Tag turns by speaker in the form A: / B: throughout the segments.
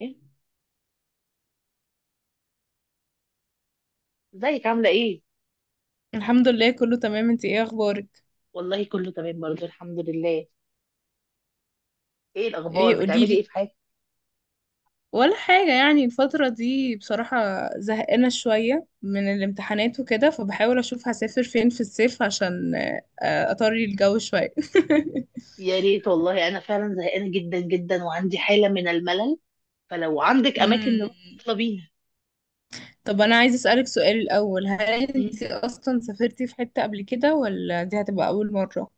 A: إيه؟ ازيك عاملة ايه؟
B: الحمد لله كله تمام. انت ايه اخبارك؟
A: والله كله تمام برضه الحمد لله. ايه الأخبار
B: ايه
A: بتعملي
B: قوليلي.
A: ايه في حياتك؟
B: ولا حاجة يعني الفترة دي بصراحة زهقانة شوية من الامتحانات وكده، فبحاول اشوف هسافر فين في الصيف عشان اطري الجو شوية.
A: يا ريت والله أنا فعلا زهقانة جدا جدا وعندي حالة من الملل، فلو عندك أماكن
B: مم.
A: نروح يلا بينا.
B: طب انا عايزة اسألك سؤال الاول: هل انت
A: مم.
B: اصلا سافرتي في حتة قبل كده، ولا دي هتبقى اول مرة؟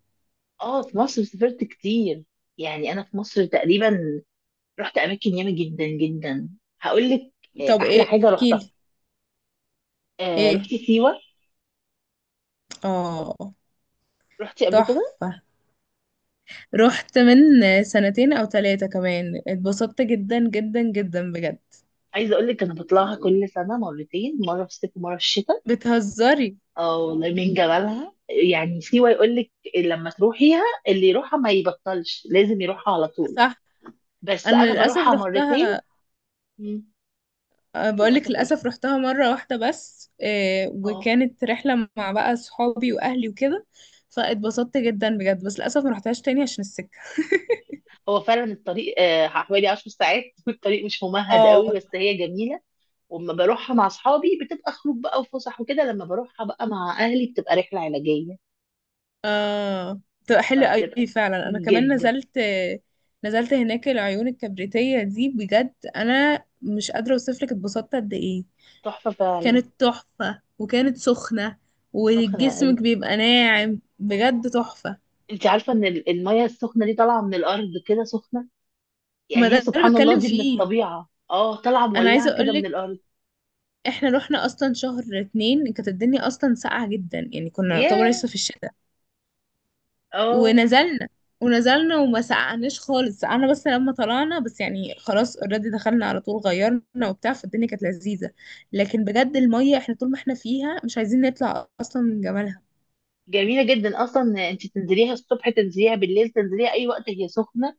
A: اه في مصر سافرت كتير. يعني أنا في مصر تقريبا رحت أماكن ياما جدا جدا. هقول لك،
B: طب
A: أحلى
B: ايه
A: حاجة رحتها،
B: احكيلي.
A: رحت
B: ايه.
A: سيوة.
B: اه.
A: رحتي قبل كده؟
B: تحفة. رحت من سنتين او ثلاثة كمان، اتبسطت جدا جدا جدا بجد.
A: عايزة أقول لك أنا بطلعها كل سنة مرتين، مرة في الصيف ومرة في الشتاء.
B: بتهزري.
A: اه والله من جمالها، يعني سيوة يقول لك لما تروحيها اللي يروحها ما يبطلش، لازم يروحها على طول.
B: صح.
A: بس
B: انا
A: انا
B: للاسف
A: بروحها مرتين.
B: رحتها.
A: مم.
B: بقولك
A: للاسف ايه؟
B: للاسف رحتها مرة واحدة بس،
A: اه.
B: وكانت رحلة مع بقى صحابي واهلي وكده. فاتبسطت جدا بجد، بس للاسف ما رحتهاش تاني عشان السكة.
A: هو فعلا الطريق حوالي 10 ساعات والطريق مش ممهد
B: اه.
A: قوي بس هي جميله. واما بروحها مع اصحابي بتبقى خروج بقى وفسح وكده، لما بروحها بقى مع اهلي بتبقى رحله علاجيه.
B: اه بتبقى حلوة
A: فبتبقى
B: قوي فعلا. انا كمان
A: جدا
B: نزلت، نزلت هناك العيون الكبريتية دي. بجد انا مش قادرة اوصفلك اتبسطت قد ايه.
A: تحفه فعلا.
B: كانت تحفة وكانت سخنة،
A: سخنه قوي.
B: وجسمك بيبقى ناعم بجد تحفة.
A: انت عارفه ان الميه السخنه دي طالعه من الارض كده سخنه.
B: ما
A: يعني هي
B: ده اللي
A: سبحان الله
B: بتكلم
A: دي من
B: فيه.
A: الطبيعة، اه، طالعة
B: انا عايزة
A: مولعة كده من
B: اقولك
A: الأرض.
B: احنا رحنا اصلا شهر اتنين، كانت الدنيا اصلا ساقعة جدا، يعني كنا نعتبر
A: ياه.
B: لسه في الشتاء.
A: اه.
B: ونزلنا ونزلنا وما سقعناش خالص، سقعنا بس لما طلعنا، بس يعني خلاص اوريدي دخلنا على طول غيرنا وبتاع، فالدنيا كانت لذيذة. لكن بجد المية احنا طول ما احنا فيها مش عايزين نطلع اصلا من جمالها.
A: جميلة جدا أصلا، أنت تنزليها الصبح تنزليها بالليل تنزليها أي وقت هي سخنة،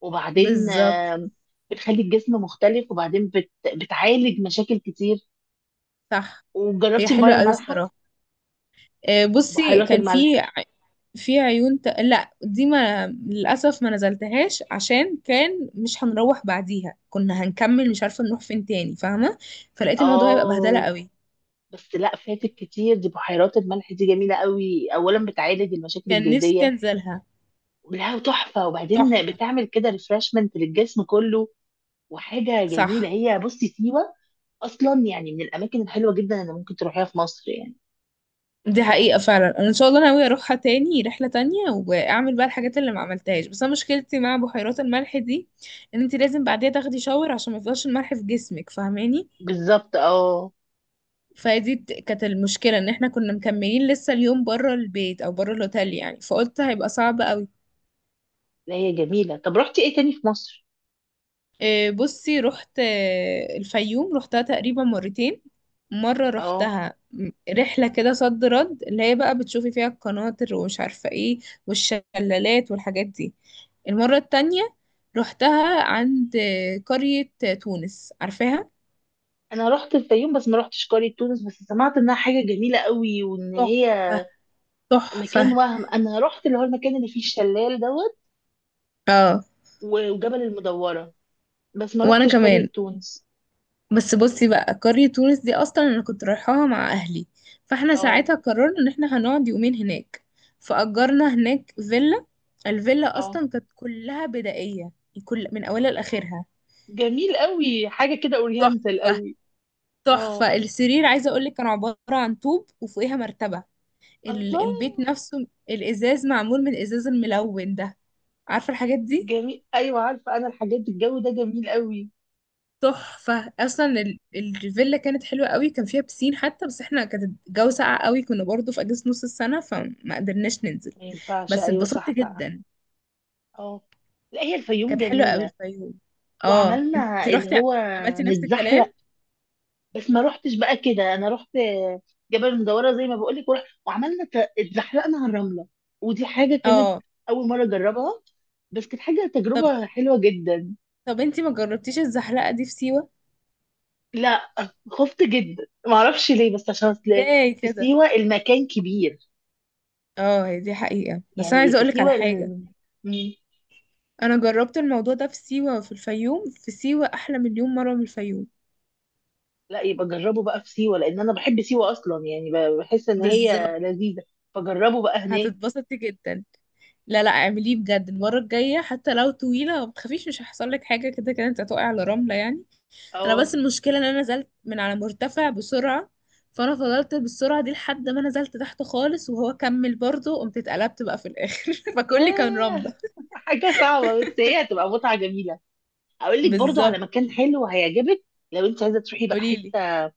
A: وبعدين
B: بالظبط.
A: بتخلي الجسم مختلف، وبعدين بتعالج مشاكل كتير.
B: صح. هي
A: وجربتي المية
B: حلوة قوي
A: المالحة؟
B: الصراحة. بصي
A: بحيرات
B: كان
A: الملح.
B: في في عيون لا، دي ما للأسف ما نزلتهاش عشان كان مش هنروح بعديها، كنا هنكمل مش عارفة نروح فين تاني فاهمة. فلقيت الموضوع هيبقى بهدلة
A: اه.
B: قوي.
A: بس لا، فاتك كتير، دي بحيرات الملح دي جميلة قوي، أولا بتعالج المشاكل
B: كان نفسي
A: الجلدية.
B: انزلها.
A: لا تحفة، وبعدين
B: تحفة.
A: بتعمل كده ريفرشمنت للجسم كله. وحاجه جميله
B: صح.
A: هي، بصي سيوه اصلا يعني من الاماكن الحلوه جدا اللي ممكن تروحيها في مصر يعني.
B: دي حقيقة فعلا. أنا إن شاء الله ناوية أروحها تاني رحلة تانية وأعمل بقى الحاجات اللي ما عملتهاش. بس أنا مشكلتي مع بحيرات الملح دي إن أنت لازم بعديها تاخدي شاور عشان ما يفضلش الملح في جسمك فاهماني.
A: بالظبط اه.
B: فدي كانت المشكلة ان احنا كنا مكملين لسه اليوم بره البيت او بره الاوتيل، يعني فقلت هيبقى صعب قوي.
A: لا هي جميله. طب رحتي ايه تاني في مصر؟
B: إيه، بصي رحت الفيوم، رحتها تقريبا مرتين. مرة
A: اه
B: رحتها رحلة كده صد رد، اللي هي بقى بتشوفي فيها القناطر ومش عارفة ايه، والشلالات والحاجات دي. المرة التانية رحتها عند قرية تونس، عارفاها؟
A: انا رحت الفيوم بس ما رحتش قريه تونس، بس سمعت انها حاجه جميله قوي وان
B: تحفة.
A: هي مكان
B: تحفة.
A: وهم. انا رحت اللي هو المكان اللي فيه الشلال دوت
B: اه
A: وجبل المدوره، بس ما
B: وانا
A: رحتش قريه
B: كمان.
A: تونس.
B: بس بصي بقى قرية تونس دي أصلا أنا كنت رايحاها مع أهلي، فاحنا
A: اه.
B: ساعتها قررنا إن احنا هنقعد يومين هناك. فأجرنا هناك فيلا. الفيلا
A: اه.
B: أصلا كانت كلها بدائية، كل من أولها لآخرها.
A: جميل قوي، حاجه كده اورينتال
B: تحفة.
A: قوي. اه.
B: تحفة السرير عايزة أقولك كان عبارة عن طوب وفوقيها مرتبة.
A: الله.
B: البيت نفسه الإزاز معمول من الإزاز الملون ده، عارفة الحاجات دي؟
A: جميل، ايوه عارفه انا الحاجات دي، الجو ده جميل قوي.
B: تحفة. اصلا الفيلا كانت حلوة قوي، كان فيها بسين حتى، بس احنا كانت الجو ساقع قوي، كنا برضو في اجازة نص السنة فما قدرناش ننزل.
A: ما ينفعش،
B: بس
A: ايوه
B: اتبسطت
A: صح بقى.
B: جدا.
A: اه. لا هي الفيوم
B: كانت حلوة قوي
A: جميله.
B: الفيوم. اه
A: وعملنا
B: انتي
A: اللي
B: رحتي،
A: هو
B: عملتي نفس
A: نتزحلق،
B: الكلام.
A: بس ما روحتش بقى كده. انا رحت جبل المدوره زي ما بقول لك، وعملنا اتزحلقنا على الرمله، ودي حاجه كانت
B: اه.
A: اول مره اجربها، بس كانت حاجه
B: طب
A: تجربه حلوه جدا.
B: طب انتي ما جربتيش الزحلقة دي في سيوة؟
A: لا خفت جدا، ما اعرفش ليه، بس عشان اصل
B: ازاي
A: في
B: كده.
A: سيوه المكان كبير،
B: اه هي دي حقيقة، بس انا
A: يعني
B: عايزة
A: في
B: اقولك على
A: سيوه
B: حاجة. انا جربت الموضوع ده في سيوة وفي الفيوم، في سيوة احلى مليون مرة من الفيوم.
A: لا يبقى جربه بقى في سيوة، لأن أنا بحب سيوة أصلا، يعني بحس إن هي
B: بالظبط.
A: لذيذة، فجربه بقى هناك.
B: هتتبسطي جدا. لا لا اعمليه بجد المرة الجاية، حتى لو طويلة ما تخافيش مش هيحصل لك حاجة، كده كده انت هتقعي على رملة يعني. انا
A: أه.
B: بس المشكلة ان انا نزلت من على مرتفع بسرعة، فانا فضلت بالسرعة دي لحد ما نزلت تحت خالص وهو كمل برضه، قمت اتقلبت بقى في الاخر فكلي كان
A: ياه
B: رملة.
A: حاجة صعبة بس هي هتبقى متعة جميلة. أقول لك برضو على
B: بالظبط.
A: مكان حلو هيعجبك، لو أنت عايزة تروحي بقى
B: قوليلي.
A: حتة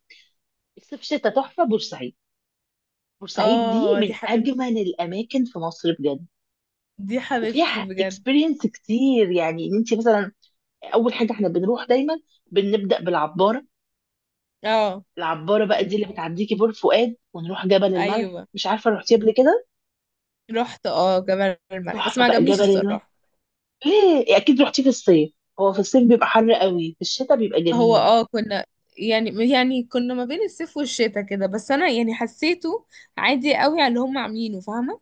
A: الصيف شتاء تحفة، بورسعيد. بورسعيد دي
B: اه دي
A: من
B: حبيبتي،
A: أجمل الأماكن في مصر بجد،
B: دي حبيبتي
A: وفيها
B: بجد.
A: اكسبيرينس كتير، يعني ان انت مثلا اول حاجه احنا بنروح دايما بنبدا بالعباره.
B: اه،
A: العباره بقى دي اللي بتعديكي بور فؤاد، ونروح جبل الملح،
B: ايوه
A: مش عارفه رحتي قبل كده.
B: رحت اه جبل الملح بس
A: تحفه
B: ما
A: بقى
B: عجبنيش
A: جبل المن.
B: الصراحة.
A: ليه، اكيد رحتي في الصيف. هو في الصيف بيبقى حر قوي، في الشتاء بيبقى
B: هو
A: جميل.
B: اه كنا، يعني كنا ما بين الصيف والشتاء كده، بس انا يعني حسيته عادي قوي على اللي هم عاملينه فاهمه.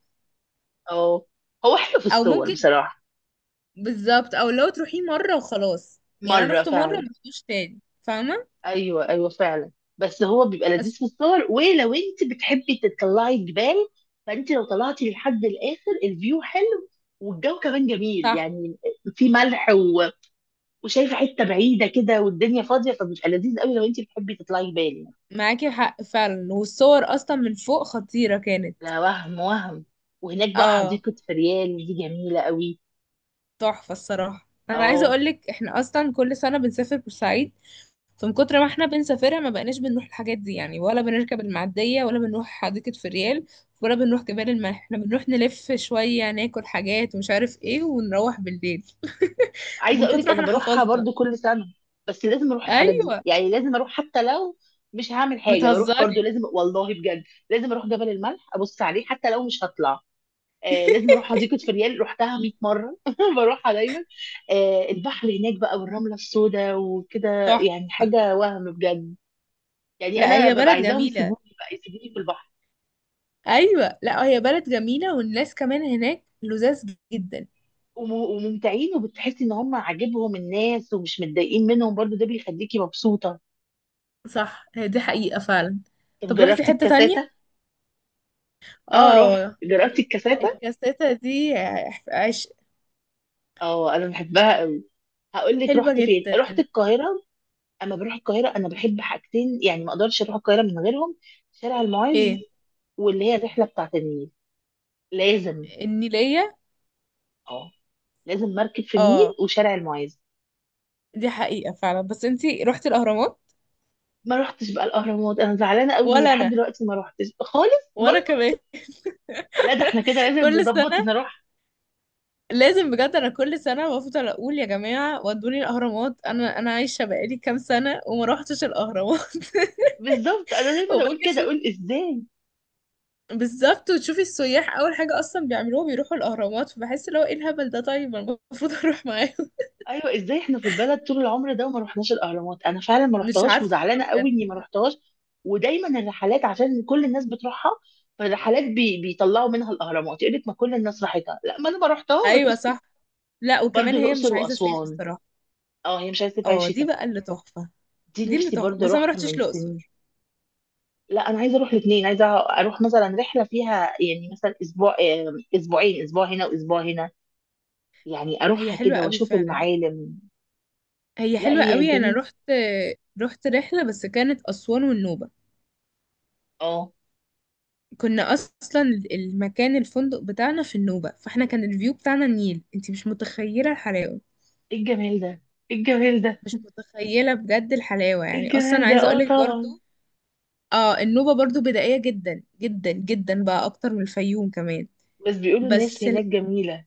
A: اه. هو حلو في
B: او
A: الصور
B: ممكن،
A: بصراحه.
B: بالظبط. او لو تروحيه مره وخلاص، يعني انا
A: مره
B: رحت مره
A: فعلا.
B: وما رحتوش تاني فاهمه.
A: ايوه ايوه فعلا. بس هو بيبقى لذيذ
B: بس.
A: في الصور، ولو انت بتحبي تطلعي الجبال، فانت لو طلعتي لحد الاخر الفيو حلو، والجو كمان جميل
B: صح.
A: يعني. في ملح وشايفه حته بعيده كده والدنيا فاضيه، فبيبقى لذيذ قوي لو انت بتحبي تطلعي جبال يعني.
B: معاكي حق فعلا، والصور اصلا من فوق خطيره كانت.
A: لا وهم وهم. وهناك بقى
B: اه.
A: حديقة فريال دي جميلة قوي.
B: تحفة الصراحة. انا عايزة
A: اه.
B: اقولك احنا اصلا كل سنة بنسافر بورسعيد، فمن كتر ما احنا بنسافرها ما بقناش بنروح الحاجات دي يعني، ولا بنركب المعدية، ولا بنروح حديقة فريال، ولا بنروح جبال الملح. احنا بنروح نلف شوية ناكل حاجات ومش عارف ايه، ونروح بالليل
A: عايزه
B: من
A: اقول
B: كتر
A: لك
B: ما
A: انا
B: احنا
A: بروحها
B: حفظنا.
A: برضو كل سنه، بس لازم اروح الحاجات دي،
B: ايوه.
A: يعني لازم اروح حتى لو مش هعمل حاجه، بروح برضو
B: بتهزري.
A: لازم والله بجد. لازم اروح جبل الملح، ابص عليه حتى لو مش هطلع. لازم اروح حديقه فريال، رحتها 100 مره بروحها دايما. البحر هناك بقى، والرمله السوداء وكده،
B: تحفة.
A: يعني حاجه وهم بجد. يعني
B: لا
A: انا
B: هي
A: ببقى
B: بلد
A: عايزاهم
B: جميلة.
A: يسيبوني بقى، يسيبوني في البحر.
B: ايوه لا هي بلد جميلة، والناس كمان هناك لذاذ جدا.
A: وممتعين، وبتحسي ان هم عاجبهم الناس ومش متضايقين منهم، برضو ده بيخليكي مبسوطه.
B: صح، هي دي حقيقة فعلا.
A: طب
B: طب روحتي
A: جربتي
B: حتة
A: الكاسات؟
B: تانية؟
A: اه رحت
B: اه
A: جربت الكاساتا.
B: الكاسيتة دي، عش...
A: اه انا بحبها قوي. هقول لك
B: حلوة
A: رحت فين،
B: جدا.
A: رحت القاهره. اما بروح القاهره انا بحب حاجتين، يعني ما اقدرش اروح القاهره من غيرهم، شارع المعز
B: ايه
A: واللي هي الرحله بتاعت النيل. لازم.
B: النيلية.
A: اه. لازم مركب في النيل
B: اه
A: وشارع المعز.
B: دي حقيقة فعلا. بس انتي روحتي الأهرامات؟
A: ما رحتش بقى الاهرامات، انا زعلانه قوي اني
B: ولا
A: لحد
B: أنا،
A: دلوقتي ما رحتش خالص برضه.
B: وأنا كمان.
A: لا ده احنا كده لازم
B: كل
A: نظبط
B: سنة،
A: نروح.
B: لازم بجد. أنا كل سنة بفضل أقول يا جماعة ودوني الأهرامات، أنا عايشة بقالي كام سنة وما روحتش الأهرامات
A: بالظبط، انا دايما اقول
B: وباجي
A: كده،
B: أشوف.
A: اقول ازاي،
B: بالظبط، وتشوفي السياح أول حاجة أصلا بيعملوها بيروحوا الأهرامات، فبحس اللي هو ايه الهبل ده، طيب أنا المفروض أروح معاهم.
A: ايوه ازاي احنا في البلد طول العمر ده وما رحناش الاهرامات. انا فعلا ما
B: مش
A: رحتهاش
B: عارفة
A: وزعلانه قوي
B: بجد.
A: اني ما رحتهاش. ودايما الرحلات عشان كل الناس بتروحها، فالرحلات بيطلعوا منها الاهرامات يقول لك، ما كل الناس راحتها. لا ما انا ما
B: ايوه
A: رحتهاش.
B: صح. لا
A: برضه
B: وكمان هي مش
A: الاقصر
B: عايزة صيف
A: واسوان.
B: الصراحة.
A: اه هي مش عايزه تبقى
B: اه دي
A: شتاء.
B: بقى اللي تحفة.
A: دي
B: دي اللي
A: نفسي
B: تحفة،
A: برضه
B: بس انا ما
A: اروحها
B: رحتش
A: من سنين.
B: الاقصر.
A: لا انا عايزه اروح الاثنين، عايزه اروح مثلا رحله فيها يعني مثلا اسبوع اسبوعين، اسبوع هنا واسبوع هنا، يعني
B: هي
A: اروحها
B: حلوة
A: كده
B: قوي
A: واشوف
B: فعلا.
A: المعالم.
B: هي
A: لا
B: حلوة
A: هي
B: قوي. انا
A: جميل.
B: رحت رحلة بس كانت اسوان والنوبة.
A: اه.
B: كنا اصلا المكان الفندق بتاعنا في النوبة، فاحنا كان الفيو بتاعنا النيل، انتي مش متخيلة الحلاوة.
A: ايه الجمال ده، ايه الجمال ده،
B: مش متخيلة بجد الحلاوة،
A: ايه
B: يعني اصلا
A: الجمال ده
B: عايزة
A: اه
B: اقولك
A: طبعا.
B: برضو. اه النوبة برضو بدائية جدا جدا جدا بقى اكتر من الفيوم كمان.
A: بس بيقولوا الناس
B: بس
A: هناك جميلة.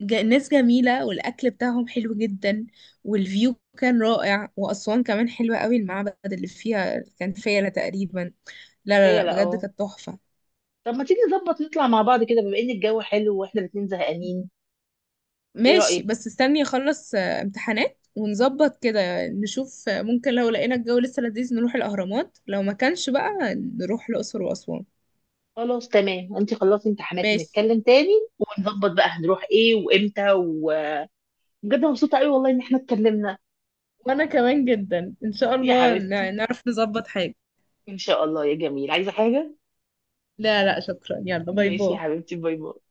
B: ناس جميلة والأكل بتاعهم حلو جدا، والفيو كان رائع، وأسوان كمان حلوة قوي، المعبد اللي فيها كان فيلة تقريبا. لا لا
A: فيا
B: لا
A: لا
B: بجد
A: اه.
B: كانت تحفة.
A: طب ما تيجي نظبط نطلع مع بعض كده، بما ان الجو حلو واحنا الاتنين زهقانين، ايه
B: ماشي،
A: رأيك؟
B: بس استني أخلص امتحانات، ونظبط كده نشوف ممكن لو لقينا الجو لسه لذيذ نروح الأهرامات، لو ما كانش بقى نروح الأقصر وأسوان.
A: خلاص تمام، انت خلصتي امتحانات
B: ماشي.
A: ونتكلم تاني، ونظبط بقى هنروح ايه وامتى. وبجد مبسوطة قوي والله ان احنا اتكلمنا
B: وأنا كمان جدا إن شاء
A: يا
B: الله
A: حبيبتي.
B: نعرف نظبط حاجة.
A: ان شاء الله يا جميل، عايزة حاجة؟
B: لا لا شكرا، يلا باي
A: ماشي يا
B: باي.
A: حبيبتي، باي باي.